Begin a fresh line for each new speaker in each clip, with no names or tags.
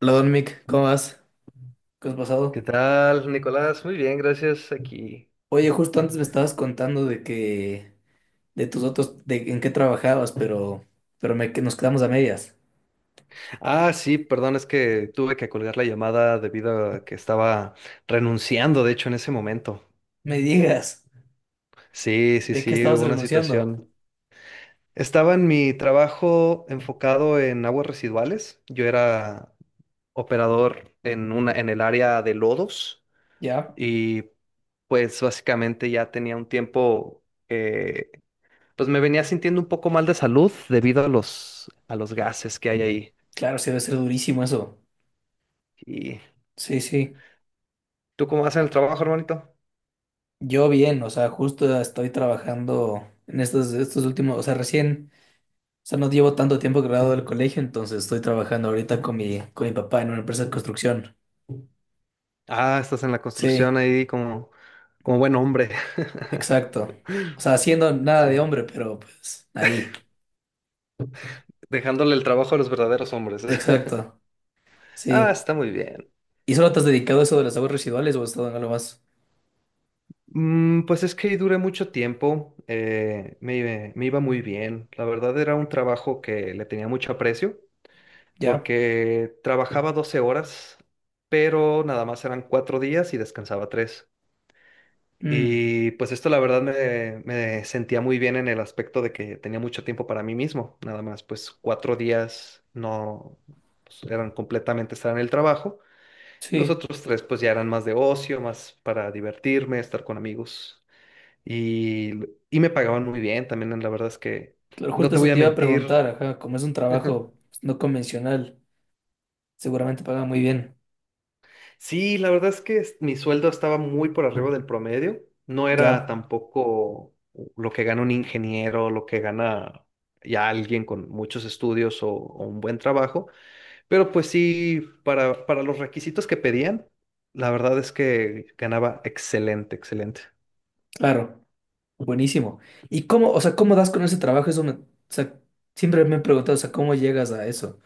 Hola, Don Mick, ¿cómo vas? ¿Qué has
¿Qué
pasado?
tal, Nicolás? Muy bien, gracias. Aquí.
Oye, justo antes me estabas contando de tus otros, de en qué trabajabas, pero que nos quedamos a medias.
Ah, sí, perdón, es que tuve que colgar la llamada debido a que estaba renunciando, de hecho, en ese momento.
Me digas,
Sí, sí,
¿de qué
sí,
estabas
hubo una
renunciando?
situación. Estaba en mi trabajo enfocado en aguas residuales. Yo era operador en el área de lodos
Ya,
y pues básicamente ya tenía un tiempo que pues me venía sintiendo un poco mal de salud debido a los gases que hay ahí.
claro, sí debe ser durísimo eso.
Y
Sí, sí.
¿tú cómo vas en el trabajo, hermanito?
Yo bien, o sea, justo estoy trabajando en estos últimos, o sea, recién, o sea, no llevo tanto tiempo graduado del colegio, entonces estoy trabajando ahorita con con mi papá en una empresa de construcción.
Ah, estás en la
Sí.
construcción ahí como buen hombre.
Exacto. O sea, haciendo nada
Sí,
de hombre, pero pues ahí.
dejándole el trabajo a los verdaderos hombres.
Exacto.
Ah,
Sí.
está muy bien.
¿Y solo te has dedicado a eso de las aguas residuales o has estado en algo más?
Pues es que ahí duré mucho tiempo, me iba muy bien. La verdad era un trabajo que le tenía mucho aprecio
Ya.
porque trabajaba 12 horas, pero nada más eran 4 días y descansaba tres.
Mm,
Y pues esto la verdad me sentía muy bien en el aspecto de que tenía mucho tiempo para mí mismo, nada más pues 4 días no pues, eran completamente estar en el trabajo y los
sí.
otros tres pues ya eran más de ocio, más para divertirme, estar con amigos y, y me pagaban muy bien también, la verdad es que
Claro,
no
justo
te
eso
voy a
te iba a
mentir.
preguntar, ajá, como es un trabajo pues, no convencional, seguramente paga muy bien.
Sí, la verdad es que mi sueldo estaba muy por arriba del promedio. No era
Ya,
tampoco lo que gana un ingeniero, lo que gana ya alguien con muchos estudios o un buen trabajo, pero pues sí, para los requisitos que pedían, la verdad es que ganaba excelente, excelente.
claro. Buenísimo. ¿Y cómo, o sea, cómo das con ese trabajo? Eso me, o sea, siempre me he preguntado, o sea, ¿cómo llegas a eso?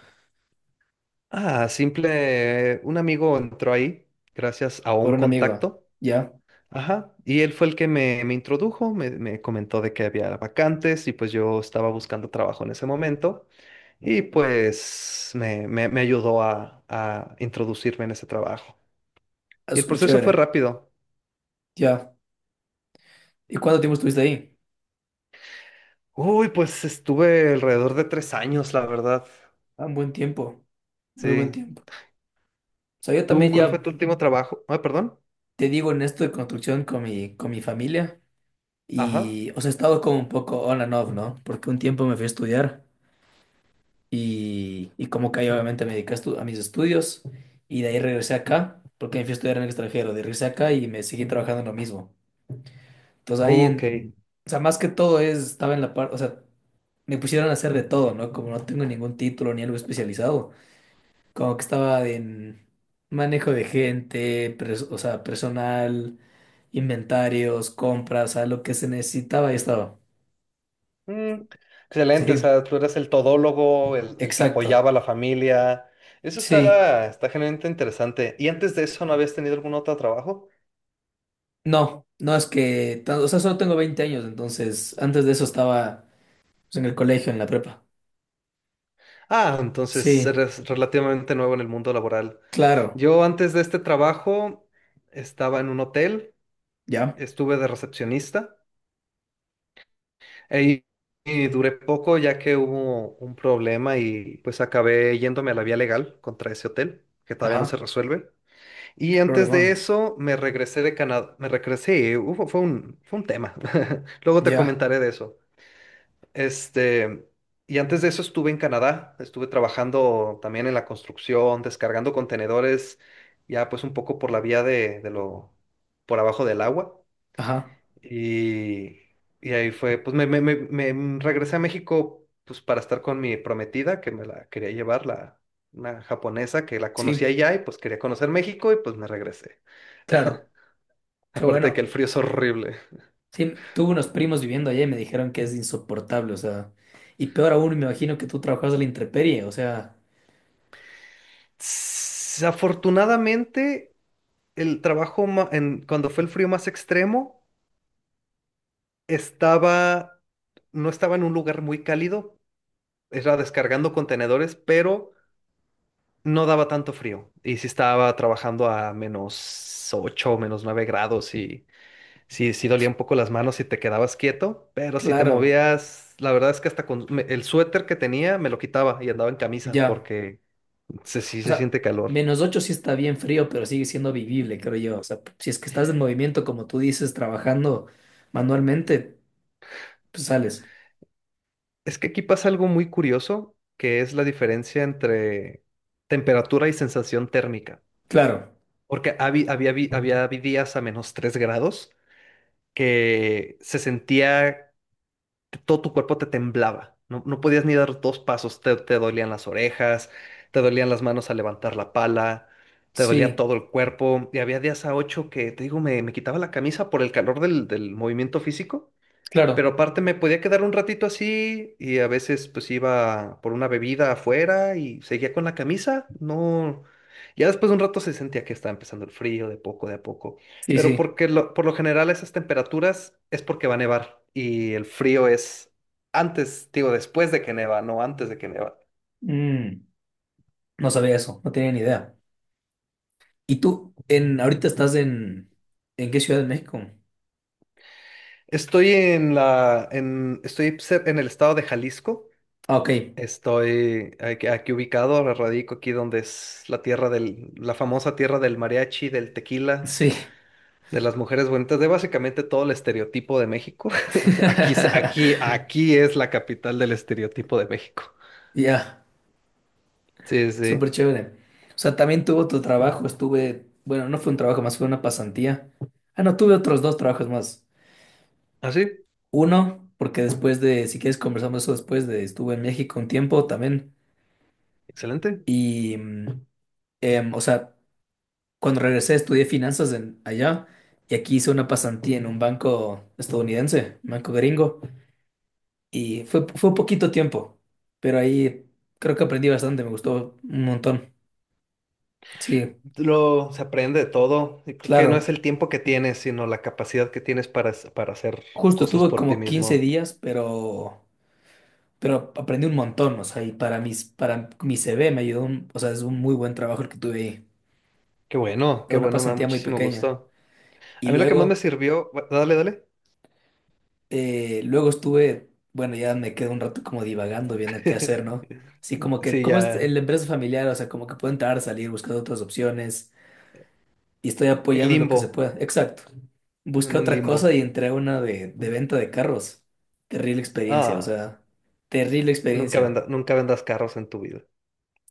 Ah, simple, un amigo entró ahí gracias a
Por
un
un amigo.
contacto.
Ya.
Ajá, y él fue el que me introdujo, me comentó de que había vacantes y pues yo estaba buscando trabajo en ese momento y pues me ayudó a introducirme en ese trabajo.
Ah,
Y el
súper
proceso fue
chévere.
rápido.
Ya. ¿Y cuánto tiempo estuviste ahí?
Uy, pues estuve alrededor de 3 años, la verdad.
Ah, un buen tiempo. Muy buen
Sí.
tiempo. Sea, yo
¿Tú
también
cuál fue
ya
tu último trabajo? Ah, perdón.
te digo en esto de construcción con con mi familia
Ajá.
y, o sea, he estado como un poco on and off, ¿no? Porque un tiempo me fui a estudiar y como que ahí obviamente me dediqué a, a mis estudios y de ahí regresé acá, porque me fui a estudiar en el extranjero, de regresé acá y me seguí trabajando en lo mismo. Entonces ahí,
Ok.
o sea, más que todo es, estaba en la parte, o sea, me pusieron a hacer de todo, ¿no? Como no tengo ningún título ni algo especializado. Como que estaba en manejo de gente, o sea, personal, inventarios, compras, a lo que se necesitaba y estaba.
Mm, Excelente, o
Sí,
sea, tú eras el todólogo, el que
exacto.
apoyaba a la familia. Eso
Sí,
está genuinamente interesante. ¿Y antes de eso no habías tenido algún otro trabajo?
no, no es que, o sea, solo tengo 20 años, entonces antes de eso estaba pues, en el colegio, en la prepa.
Ah, entonces
Sí,
eres relativamente nuevo en el mundo laboral.
claro,
Yo antes de este trabajo estaba en un hotel,
ya,
estuve de recepcionista e- y duré poco ya que hubo un problema y pues acabé yéndome a la vía legal contra ese hotel, que todavía no se
ajá,
resuelve. Y
qué
antes de
problemón,
eso, me regresé de Canadá. Me regresé, fue un tema. Luego te
ya,
comentaré de eso. Este, y antes de eso estuve en Canadá. Estuve trabajando también en la construcción, descargando contenedores, ya pues un poco por la vía de lo, por abajo del agua.
ajá,
Y, y ahí fue, pues me regresé a México pues para estar con mi prometida, que me la quería llevar, una japonesa que la conocía
sí,
allá y pues quería conocer México y pues me regresé.
claro, qué
Aparte de que el
bueno.
frío es horrible.
Sí, tuve unos primos viviendo allá y me dijeron que es insoportable, o sea, y peor aún, me imagino que tú trabajas a la intemperie, o sea,
Afortunadamente, el trabajo cuando fue el frío más extremo, estaba, no estaba en un lugar muy cálido, era descargando contenedores, pero no daba tanto frío. Y sí estaba trabajando a -8, -9 grados y sí, sí dolía un poco las manos si te quedabas quieto, pero si te
claro,
movías, la verdad es que hasta con el suéter que tenía me lo quitaba y andaba en camisa
ya,
porque sí
o
se
sea,
siente calor.
-8 sí está bien frío, pero sigue siendo vivible, creo yo, o sea, si es que estás en movimiento, como tú dices, trabajando manualmente, pues sales,
Es que aquí pasa algo muy curioso, que es la diferencia entre temperatura y sensación térmica.
claro,
Porque habi- había, vi días a -3 grados, que se sentía, que todo tu cuerpo te temblaba. No, no podías ni dar dos pasos, te dolían las orejas, te dolían las manos al levantar la pala, te dolía
sí,
todo el cuerpo. Y había días a 8 que, te digo, me quitaba la camisa por el calor del movimiento físico, pero
claro,
aparte me podía quedar un ratito así y a veces pues iba por una bebida afuera y seguía con la camisa. No, ya después de un rato se sentía que estaba empezando el frío de a poco.
sí,
Pero
sí,
porque por lo general a esas temperaturas es porque va a nevar y el frío es antes, digo, después de que neva, no antes de que neva.
mm, no sabía eso, no tenía ni idea. ¿Y tú, en, ahorita estás en qué ciudad de México?
Estoy en el estado de Jalisco.
Ah, ok,
Estoy aquí, aquí ubicado, ahora radico aquí donde es la tierra la famosa tierra del mariachi, del tequila,
sí,
de las mujeres bonitas, de básicamente todo el estereotipo de México. Aquí, es- aquí, aquí es la capital del estereotipo de México.
ya.
Sí, sí.
Súper chévere. O sea, también tuvo tu trabajo, estuve, bueno, no fue un trabajo más, fue una pasantía. Ah, no, tuve otros dos trabajos más.
Ah, sí,
Uno, porque después de, si quieres conversamos eso después de, estuve en México un tiempo también.
excelente.
Y, o sea, cuando regresé estudié finanzas en, allá y aquí hice una pasantía en un banco estadounidense, un banco gringo. Y fue poquito tiempo, pero ahí creo que aprendí bastante, me gustó un montón. Sí,
Se aprende de todo. Y creo que no es
claro.
el tiempo que tienes, sino la capacidad que tienes para hacer
Justo
cosas
estuve
por ti
como 15
mismo.
días, pero aprendí un montón, o sea, y para para mi CV me ayudó, o sea, es un muy buen trabajo el que tuve ahí. Era
Qué
una
bueno, me da
pasantía muy
muchísimo
pequeña.
gusto.
Y
A mí lo que más me
luego,
sirvió, dale, dale.
luego estuve, bueno, ya me quedé un rato como divagando, viendo qué hacer, ¿no? Sí, como que,
Sí,
como es
ya.
la empresa familiar, o sea, como que puedo entrar, salir, buscar otras opciones, y estoy
El
apoyando en lo que se
limbo.
pueda. Exacto. Busqué
En un
otra
limbo.
cosa y entré a una de venta de carros. Terrible experiencia, o
Ah,
sea, terrible
nunca
experiencia.
venda- nunca vendas carros en tu vida.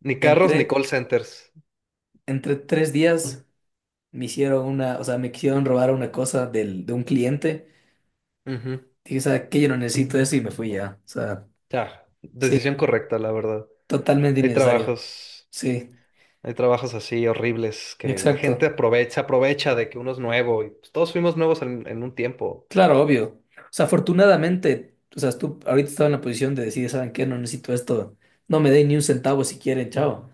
Ni carros
Entré,
ni call centers.
entre tres días me hicieron una, o sea, me quisieron robar una cosa de un cliente.
Ujú.
Dije, ¿sabes qué? Yo no necesito eso y me fui ya. O sea,
Ya.
sí,
Decisión correcta, la verdad.
totalmente
Hay
innecesario.
trabajos,
Sí,
hay trabajos así horribles que la gente
exacto.
aprovecha de que uno es nuevo y pues, todos fuimos nuevos en un tiempo.
Claro, obvio. O sea, afortunadamente, o sea, tú ahorita estaba en la posición de decir, ¿saben qué? No necesito esto. No me den ni un centavo si quieren, chao. O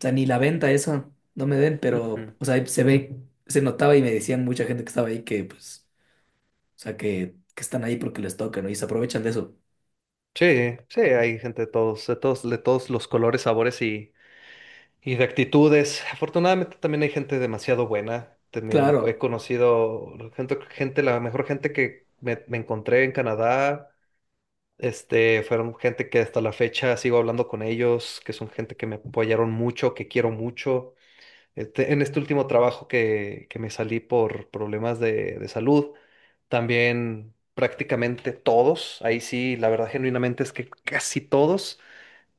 sea, ni la venta esa, no me den, pero,
Ujú.
o sea, se ve, se notaba y me decían mucha gente que estaba ahí que, pues, o sea, que están ahí porque les toca, ¿no? Y se aprovechan de eso.
Sí, sí, hay gente de todos los colores, sabores y... y de actitudes. Afortunadamente también hay gente demasiado buena. También
Claro,
he conocido gente, la mejor gente que me encontré en Canadá. Este, fueron gente que hasta la fecha sigo hablando con ellos, que son gente que me apoyaron mucho, que quiero mucho. Este, en este último trabajo que me salí por problemas de salud, también prácticamente todos, ahí sí, la verdad genuinamente es que casi todos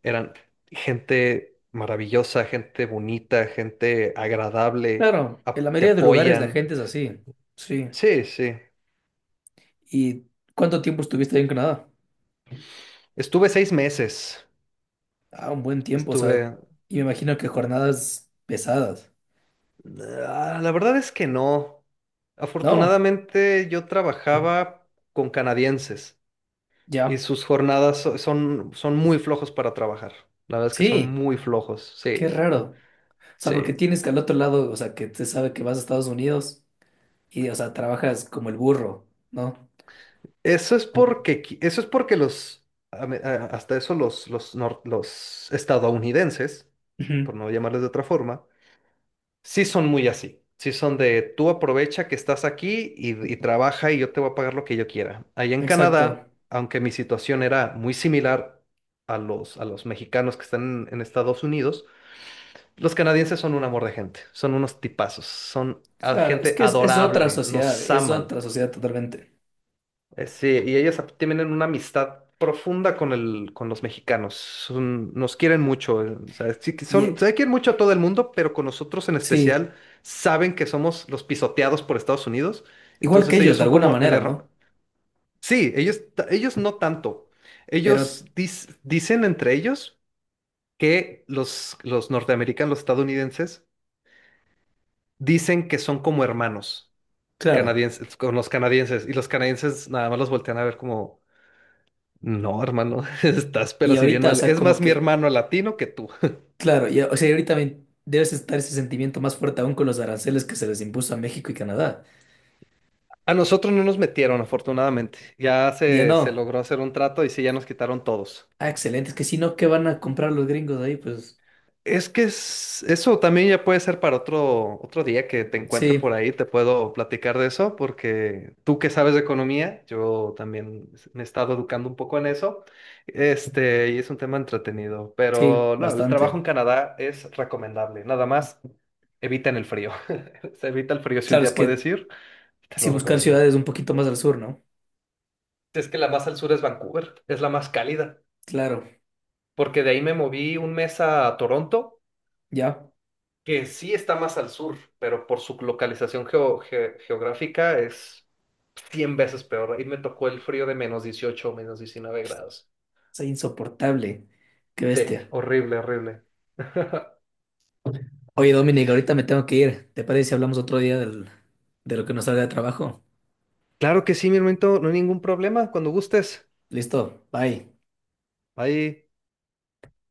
eran gente maravillosa, gente bonita, gente agradable,
claro. En la
te
mayoría de lugares la
apoyan.
gente es así. Sí.
Sí, sí.
¿Y cuánto tiempo estuviste ahí en Canadá?
Estuve 6 meses.
Ah, un buen tiempo, o sea,
Estuve...
y me imagino que jornadas pesadas.
Ah, la verdad es que no.
No,
Afortunadamente yo trabajaba con canadienses y
ya.
sus jornadas son muy flojos para trabajar. La verdad es que son
Sí,
muy flojos.
qué
Sí,
raro. O sea, porque
sí.
tienes que al otro lado, o sea, que te sabe que vas a Estados Unidos y, o sea, trabajas como el burro, ¿no?
Eso es porque hasta eso los estadounidenses, por
Ujú,
no llamarles de otra forma, sí son muy así. Sí son de tú aprovecha que estás aquí y trabaja y yo te voy a pagar lo que yo quiera. Allá en
exacto.
Canadá, aunque mi situación era muy similar a los mexicanos que están en Estados Unidos, los canadienses son un amor de gente, son unos tipazos, son
Claro, es
gente
que
adorable, nos
es
aman.
otra sociedad totalmente.
Sí, y ellas tienen una amistad profunda con los mexicanos. Nos quieren mucho. O sea, sí que
Y
se quieren mucho a todo el mundo, pero con nosotros en
sí,
especial saben que somos los pisoteados por Estados Unidos.
igual que
Entonces
ellos,
ellos
de
son
alguna
como el
manera,
error.
¿no?
Sí, ellos no tanto.
Pero,
Ellos dicen entre ellos que los norteamericanos, los estadounidenses, dicen que son como hermanos
claro.
canadienses, con los canadienses, y los canadienses nada más los voltean a ver como... no, hermano, estás
Y
pero si bien
ahorita, o
mal.
sea,
Es
como
más mi
que,
hermano latino que tú.
claro, ya, o sea, ahorita debes estar ese sentimiento más fuerte aún con los aranceles que se les impuso a México y Canadá.
A nosotros no nos metieron, afortunadamente. Ya
Ya
se
no.
logró hacer un trato y sí, ya nos quitaron todos.
Ah, excelente. Es que si no, ¿qué van a comprar los gringos ahí? Pues
Es que eso también ya puede ser para otro día que te encuentre por
sí,
ahí, te puedo platicar de eso, porque tú que sabes de economía, yo también me he estado educando un poco en eso, este, y es un tema entretenido,
sí,
pero no, el trabajo en
bastante.
Canadá es recomendable, nada más eviten el frío, se evita el frío si un
Claro, es
día puedes
que
ir, te
si
lo
buscar
recomiendo.
ciudades un poquito más al sur, ¿no?
Es que la más al sur es Vancouver, es la más cálida,
Claro,
porque de ahí me moví un mes a Toronto
ya.
que sí está más al sur, pero por su localización geográfica es 100 veces peor. Ahí me tocó el frío de -18 o -19 grados.
Es insoportable. Qué
Sí,
bestia.
horrible, horrible.
Oye, Dominic, ahorita me tengo que ir. ¿Te parece si hablamos otro día de lo que nos salga de trabajo?
Claro que sí, mi hermanito, no hay ningún problema, cuando gustes.
Listo, bye.
Ahí.